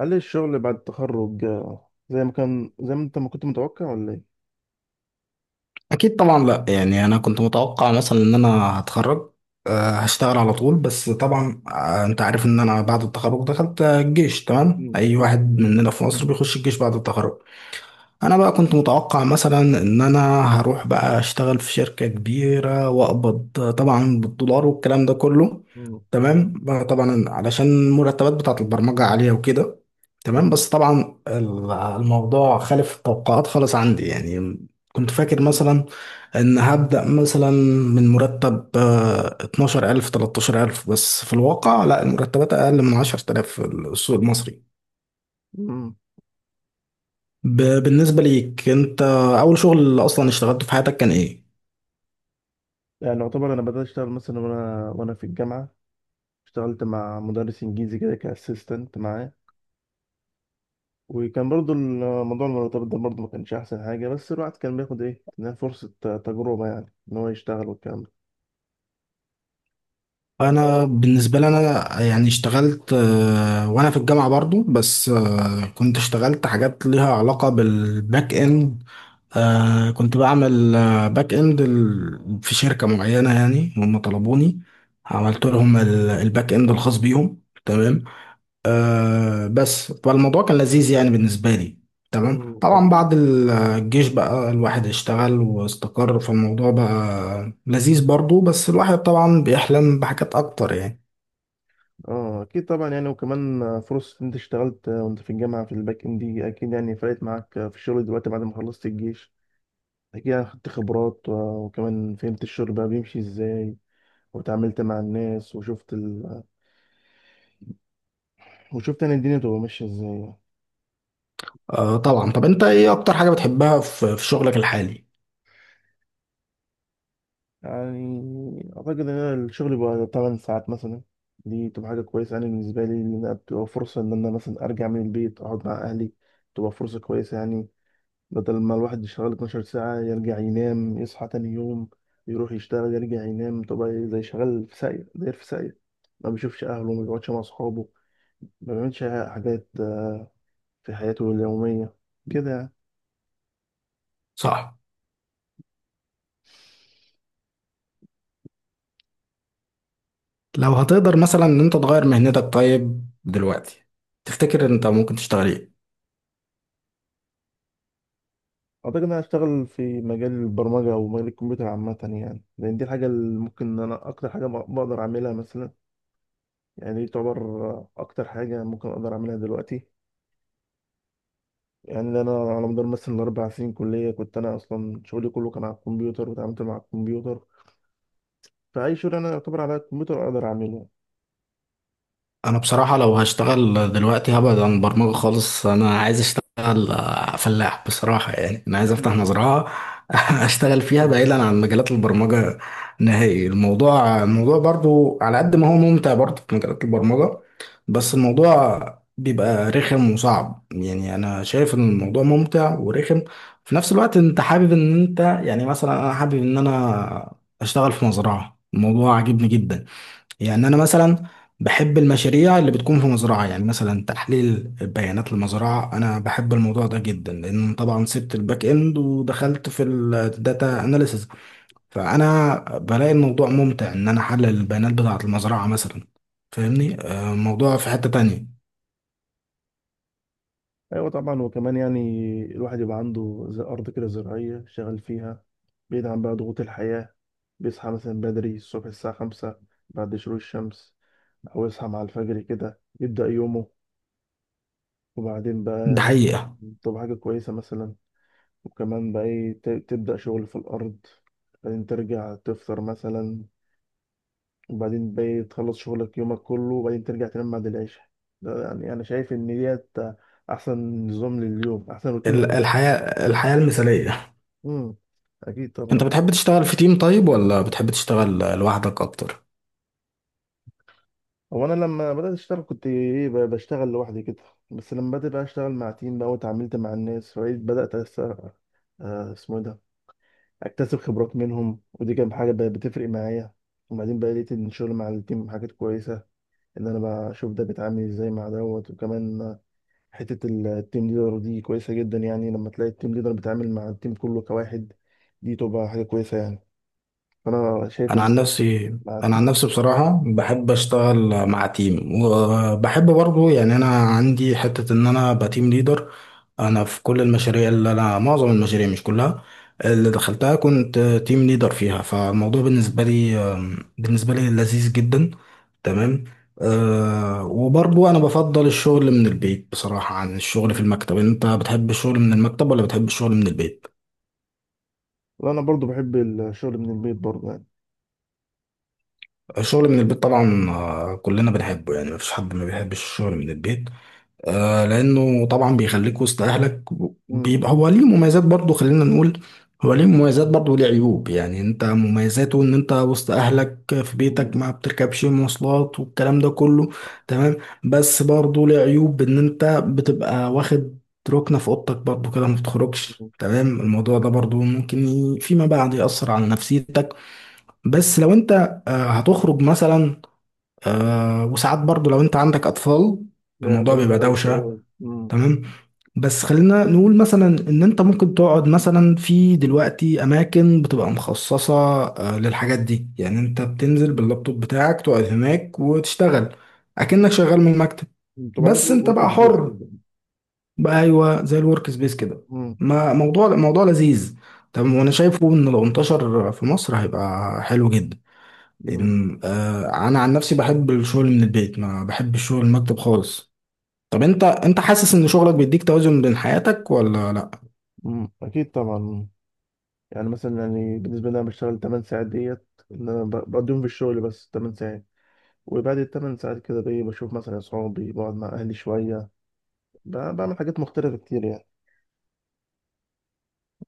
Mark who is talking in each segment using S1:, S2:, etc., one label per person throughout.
S1: هل الشغل بعد التخرج، زي ما انت ما كنت متوقع ولا ايه؟
S2: اكيد طبعا، لا يعني انا كنت متوقع مثلا ان انا هتخرج هشتغل على طول. بس طبعا انت عارف ان انا بعد التخرج دخلت الجيش. تمام،
S1: مم،
S2: اي
S1: أكيد،
S2: واحد
S1: مم.
S2: مننا في مصر بيخش الجيش بعد التخرج. انا بقى كنت متوقع مثلا ان انا هروح بقى اشتغل في شركة كبيرة واقبض، طبعا، بالدولار والكلام ده كله.
S1: مم.
S2: تمام بقى طبعا علشان المرتبات بتاعت البرمجة عالية وكده. تمام، بس طبعا الموضوع خالف التوقعات خالص عندي. يعني كنت فاكر مثلا ان هبدأ مثلا من مرتب 12000 13000، بس في
S1: مم.
S2: الواقع لا، المرتبات اقل من 10000 في السوق المصري.
S1: مم.
S2: بالنسبة ليك انت، اول شغل اصلا اشتغلته في حياتك كان ايه؟
S1: يعني يعتبر انا بدأت اشتغل مثلا وانا في الجامعة. اشتغلت مع مدرس انجليزي كده كاسيستنت معاه، وكان برضو الموضوع المرتبط ده برضو ما كانش احسن حاجة، بس الواحد كان بياخد ايه، إنها فرصة تجربة، يعني ان هو يشتغل والكلام ده.
S2: انا بالنسبه لي، انا يعني اشتغلت وانا في الجامعه برضو، بس كنت اشتغلت حاجات ليها علاقه بالباك اند. كنت بعمل باك اند في شركه معينه، يعني هم طلبوني، عملت
S1: مم،
S2: لهم الباك اند الخاص بيهم. تمام، آه، بس فالموضوع كان لذيذ يعني بالنسبة لي. تمام،
S1: مم،
S2: طبعا
S1: أكيد.
S2: بعد الجيش بقى الواحد اشتغل واستقر، فالموضوع بقى لذيذ برضو، بس الواحد طبعا بيحلم بحاجات أكتر يعني.
S1: اه اكيد طبعا، يعني وكمان فرصة ان انت اشتغلت وانت في الجامعة في الباك اند دي اكيد يعني فرقت معاك في الشغل دلوقتي بعد ما خلصت الجيش كده، خدت خبرات. وكمان فهمت الشغل بقى بيمشي ازاي، وتعاملت مع الناس، وشفت انا الدنيا بتبقى ماشيه ازاي يعني.
S2: آه طبعا. طب أنت إيه أكتر حاجة بتحبها في في شغلك الحالي؟
S1: يعني اعتقد ان أنا الشغل بقى 8 ساعات مثلا، دي تبقى حاجه كويسه، انا بالنسبه لي ان انا بتبقى فرصه ان انا مثلا ارجع من البيت اقعد مع اهلي، تبقى فرصه كويسه يعني. بدل ما الواحد يشتغل 12 ساعه، يرجع ينام، يصحى تاني يوم، يروح يشتغل، يرجع ينام، تبقى زي شغال في ساقية داير في ساقية، ما بيشوفش اهله، ما بيقعدش مع اصحابه، ما بيعملش حاجات في حياته اليومية كده يعني.
S2: صح. لو هتقدر مثلا إن أنت تغير مهنتك طيب دلوقتي، تفتكر أنت ممكن تشتغل إيه؟
S1: أعتقد إن أنا هشتغل في مجال البرمجة أو مجال الكمبيوتر عامة يعني، لأن دي الحاجة اللي ممكن إن أنا أكتر حاجة بقدر أعملها مثلا. يعني دي تعتبر أكتر حاجة ممكن أقدر أعملها دلوقتي، يعني لأن أنا على مدار مثلا ال4 سنين كلية كنت أنا أصلا شغلي كله كان على الكمبيوتر وتعاملت مع الكمبيوتر، فأي شغل أنا يعتبر على الكمبيوتر أقدر أعمله.
S2: انا بصراحة لو هشتغل دلوقتي هبعد عن برمجة خالص. انا عايز اشتغل فلاح بصراحة. يعني انا عايز افتح مزرعة اشتغل فيها بعيدا عن مجالات البرمجة نهائي. الموضوع برضو على قد ما هو ممتع برضو في مجالات البرمجة، بس الموضوع بيبقى رخم وصعب. يعني انا شايف ان الموضوع ممتع ورخم في نفس الوقت. انت حابب ان انت يعني، مثلا انا حابب ان انا اشتغل في مزرعة، الموضوع عاجبني جدا. يعني أنا مثلا بحب المشاريع اللي بتكون في مزرعة، يعني مثلا تحليل بيانات المزرعة، أنا بحب الموضوع ده جدا، لأن طبعا سبت الباك إند ودخلت في الداتا أناليسز. فأنا بلاقي الموضوع ممتع إن أنا أحلل البيانات بتاعة المزرعة مثلا. فاهمني، الموضوع في حتة تانية.
S1: ايوه طبعا، وكمان يعني الواحد يبقى عنده زي ارض كده زراعيه شغال فيها، بعيد عن بقى ضغوط الحياه، بيصحى مثلا بدري الصبح الساعه 5 بعد شروق الشمس، او يصحى مع الفجر كده يبدا يومه، وبعدين
S2: ده
S1: بقى
S2: حقيقة.
S1: طب حاجه كويسه مثلا، وكمان بقى ايه تبدا شغل في الارض، بعدين ترجع تفطر مثلا، وبعدين بقى إيه تخلص شغلك يومك كله، وبعدين ترجع تنام بعد العشاء. ده يعني انا شايف ان ديت احسن نظام لليوم، احسن روتين.
S2: الحياة المثالية.
S1: امم. اكيد
S2: أنت
S1: طبعا.
S2: بتحب تشتغل في تيم طيب ولا بتحب تشتغل لوحدك أكتر؟
S1: هو انا لما بدات اشتغل كنت ايه بشتغل لوحدي كده، بس لما بدات بقى اشتغل مع تيم بقى واتعاملت مع الناس وبقيت بدات أس... آه اسمه إيه ده، اكتسب خبرات منهم ودي كانت حاجه بقت بتفرق معايا. وبعدين بقى لقيت ان الشغل مع التيم حاجات كويسه، ان انا بقى اشوف ده بيتعامل ازاي مع دوت، وكمان حته التيم ليدر دي كويسه جدا، يعني لما تلاقي التيم ليدر بيتعامل مع التيم كله كواحد دي تبقى حاجه كويسه يعني، فانا شايف
S2: انا
S1: ان
S2: عن نفسي
S1: مع
S2: انا
S1: التيم.
S2: عن نفسي بصراحه بحب اشتغل مع تيم، وبحب برضو يعني انا عندي حته ان انا ابقى تيم ليدر. انا في كل المشاريع اللي انا، معظم المشاريع مش كلها اللي دخلتها، كنت تيم ليدر فيها. فالموضوع بالنسبه لي لذيذ جدا. تمام. أه، وبرضو انا بفضل الشغل من البيت بصراحه عن الشغل في المكتب. انت بتحب الشغل من المكتب ولا بتحب الشغل من البيت؟
S1: لا انا برضو بحب الشغل من البيت برضو يعني.
S2: الشغل من البيت طبعا كلنا بنحبه، يعني مفيش حد ما بيحبش الشغل من البيت. لأنه طبعا بيخليك وسط أهلك.
S1: امم.
S2: بيبقى هو ليه مميزات برضه، خلينا نقول هو ليه مميزات برضه وليه عيوب. يعني أنت مميزاته إن أنت وسط أهلك في
S1: مم.
S2: بيتك، ما بتركبش مواصلات والكلام ده كله. تمام، بس برضه ليه عيوب، إن أنت بتبقى واخد ركنة في أوضتك برضه كده، ما بتخرجش. تمام، الموضوع ده برضه ممكن فيما بعد يأثر على نفسيتك. بس لو أنت هتخرج مثلا، آه، وساعات برضو لو انت عندك اطفال،
S1: لا
S2: الموضوع
S1: جميل
S2: بيبقى
S1: ده وش
S2: دوشة.
S1: اه امم.
S2: تمام، بس خلينا نقول مثلا ان انت ممكن تقعد مثلا في، دلوقتي اماكن بتبقى مخصصة للحاجات دي، يعني انت بتنزل باللابتوب بتاعك تقعد هناك وتشتغل اكنك شغال من المكتب،
S1: أمم. طبعا انت
S2: بس انت
S1: ورك
S2: بقى
S1: سبيس
S2: حر
S1: كده.
S2: بقى. ايوه، زي الورك سبيس كده.
S1: امم.
S2: ما موضوع لذيذ. طب وانا شايفه ان لو انتشر في مصر هيبقى حلو جدا.
S1: امم.
S2: انا عن نفسي بحب الشغل من البيت، ما بحب الشغل المكتب خالص. طب انت، انت حاسس ان شغلك بيديك توازن بين حياتك ولا لا؟
S1: أمم. اكيد طبعا. يعني مثلا يعني بالنسبه لي انا بشتغل 8 ساعات ديت ان انا بقضيهم في الشغل بس 8 ساعات، وبعد ال 8 ساعات كده بشوف مثلا اصحابي، بقعد مع اهلي شويه، بعمل حاجات مختلفه كتير يعني.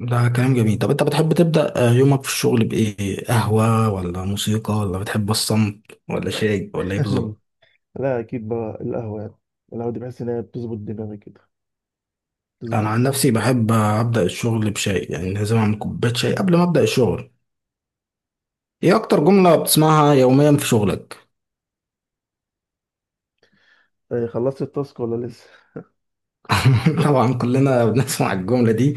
S2: ده كلام جميل.
S1: أمم.
S2: طب انت بتحب تبدأ يومك في الشغل بايه؟ قهوة ولا موسيقى ولا بتحب الصمت ولا
S1: لا.
S2: شاي ولا ايه بالظبط؟
S1: لا اكيد بقى القهوه يعني، القهوه دي بحس ان هي بتظبط دماغي كده، بتظبط
S2: انا عن نفسي بحب ابدأ الشغل بشاي، يعني لازم اعمل
S1: الدماغ.
S2: كوباية شاي قبل ما ابدأ الشغل. ايه اكتر جملة بتسمعها يوميا في شغلك؟
S1: إيه، خلصت التاسك ولا لسه؟
S2: طبعا كلنا بنسمع الجملة دي.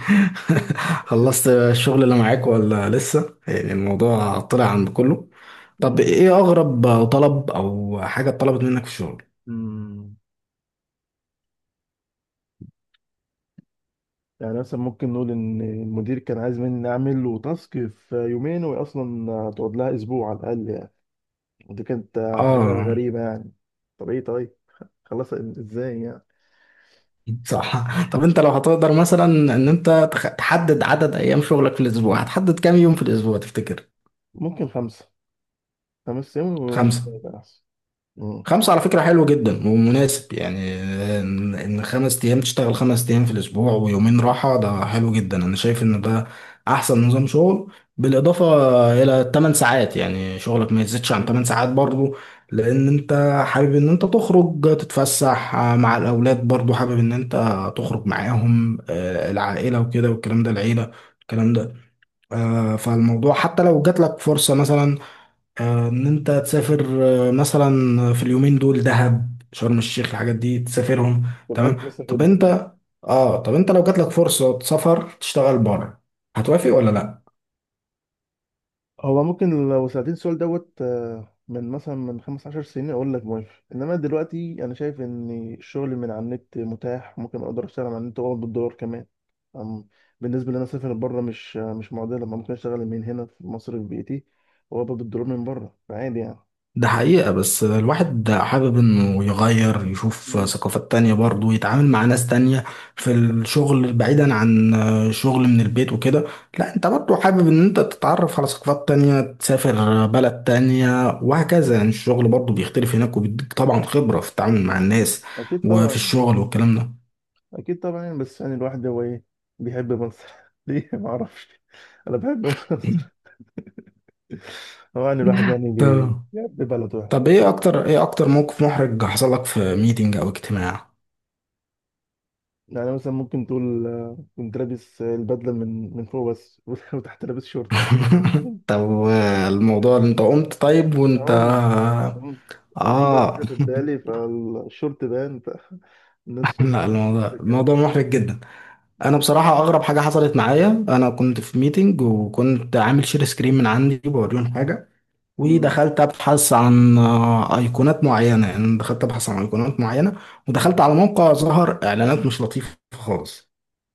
S2: خلصت الشغل اللي معاك ولا لسه؟ يعني الموضوع طلع
S1: مم.
S2: عن كله. طب
S1: مم.
S2: ايه اغرب طلب او حاجة اتطلبت منك في الشغل؟
S1: مم. يعني مثلا ممكن نقول ان المدير كان عايز مني اعمل له تاسك في يومين وهي اصلا هتقعد لها اسبوع على الاقل يعني، ودي كانت حاجه
S2: اه،
S1: غريبه يعني. طب ايه طيب خلصت ازاي يعني.
S2: صح. طب انت لو هتقدر مثلا ان انت تحدد عدد ايام شغلك في الاسبوع، هتحدد كام يوم في الاسبوع تفتكر؟
S1: ممكن خمسه، 5 ايام ويومين
S2: خمسة.
S1: يبقى احسن. مم.
S2: خمسة على فكرة حلو جدا
S1: مم.
S2: ومناسب. يعني إن خمس أيام تشتغل، خمس أيام في الأسبوع ويومين راحة، ده حلو جدا. أنا شايف إن ده أحسن نظام شغل، بالإضافة إلى 8 ساعات، يعني شغلك ما يزيدش عن 8
S1: مم.
S2: ساعات برضو، لأن أنت حابب إن أنت تخرج تتفسح مع الأولاد، برضو حابب إن أنت تخرج معاهم، العائلة وكده والكلام ده، العيلة الكلام ده، فالموضوع حتى لو جات لك فرصة مثلا ان انت تسافر مثلا في اليومين دول، دهب، شرم الشيخ، الحاجات دي تسافرهم.
S1: كنت
S2: تمام.
S1: عاجبك مثلا
S2: طب
S1: جدا.
S2: انت، اه طب انت لو جاتلك فرصة سفر تشتغل بره، هتوافق ولا لا؟
S1: هو ممكن لو سألتني السؤال دوت، من مثلا من 15 سنين أقول لك موافق، إنما دلوقتي أنا شايف إن الشغل من على النت متاح، ممكن أقدر أشتغل على النت وأقبض بالدولار كمان. أم- بالنسبة لي أنا أسافر بره مش مش معضلة، ما ممكن أشتغل من هنا في مصر في بيتي، وأقبض بالدولار من بره، فعادي يعني.
S2: ده حقيقة، بس الواحد حابب انه يغير، يشوف
S1: مم.
S2: ثقافات تانية برضه، يتعامل مع ناس تانية في الشغل، بعيدا عن شغل من البيت وكده. لا، انت برضه حابب ان انت تتعرف على ثقافات تانية، تسافر بلد تانية وهكذا. يعني الشغل برضه بيختلف هناك، وبيديك طبعا خبرة في التعامل مع
S1: أم،
S2: الناس
S1: أكيد
S2: وفي
S1: طبعا.
S2: الشغل والكلام ده.
S1: أكيد طبعا يعني، بس يعني الواحد هو إيه بيحب مصر، ليه معرفش. أنا بحب مصر. طبعا الواحد يعني بي-
S2: طب
S1: بيحب بلده يعني.
S2: طب ايه اكتر موقف محرج حصل لك في ميتنج او اجتماع؟
S1: يعني مثلا ممكن تقول، كنت لابس البدله من فوق بس وتحت لابس شورت.
S2: طب الموضوع، انت قمت طيب وانت،
S1: أقوم، قمت، قمت كده مش
S2: اه؟
S1: واخد بالي فالشورت بان فالناس،
S2: لا الموضوع،
S1: حصل
S2: الموضوع محرج جدا. انا بصراحه اغرب حاجه حصلت معايا، انا كنت في ميتنج وكنت عامل شير سكرين من عندي بوريهم حاجه،
S1: الكلام.
S2: ودخلت ابحث عن ايقونات معينه، يعني دخلت ابحث عن ايقونات معينه، ودخلت على موقع ظهر اعلانات مش لطيفه خالص.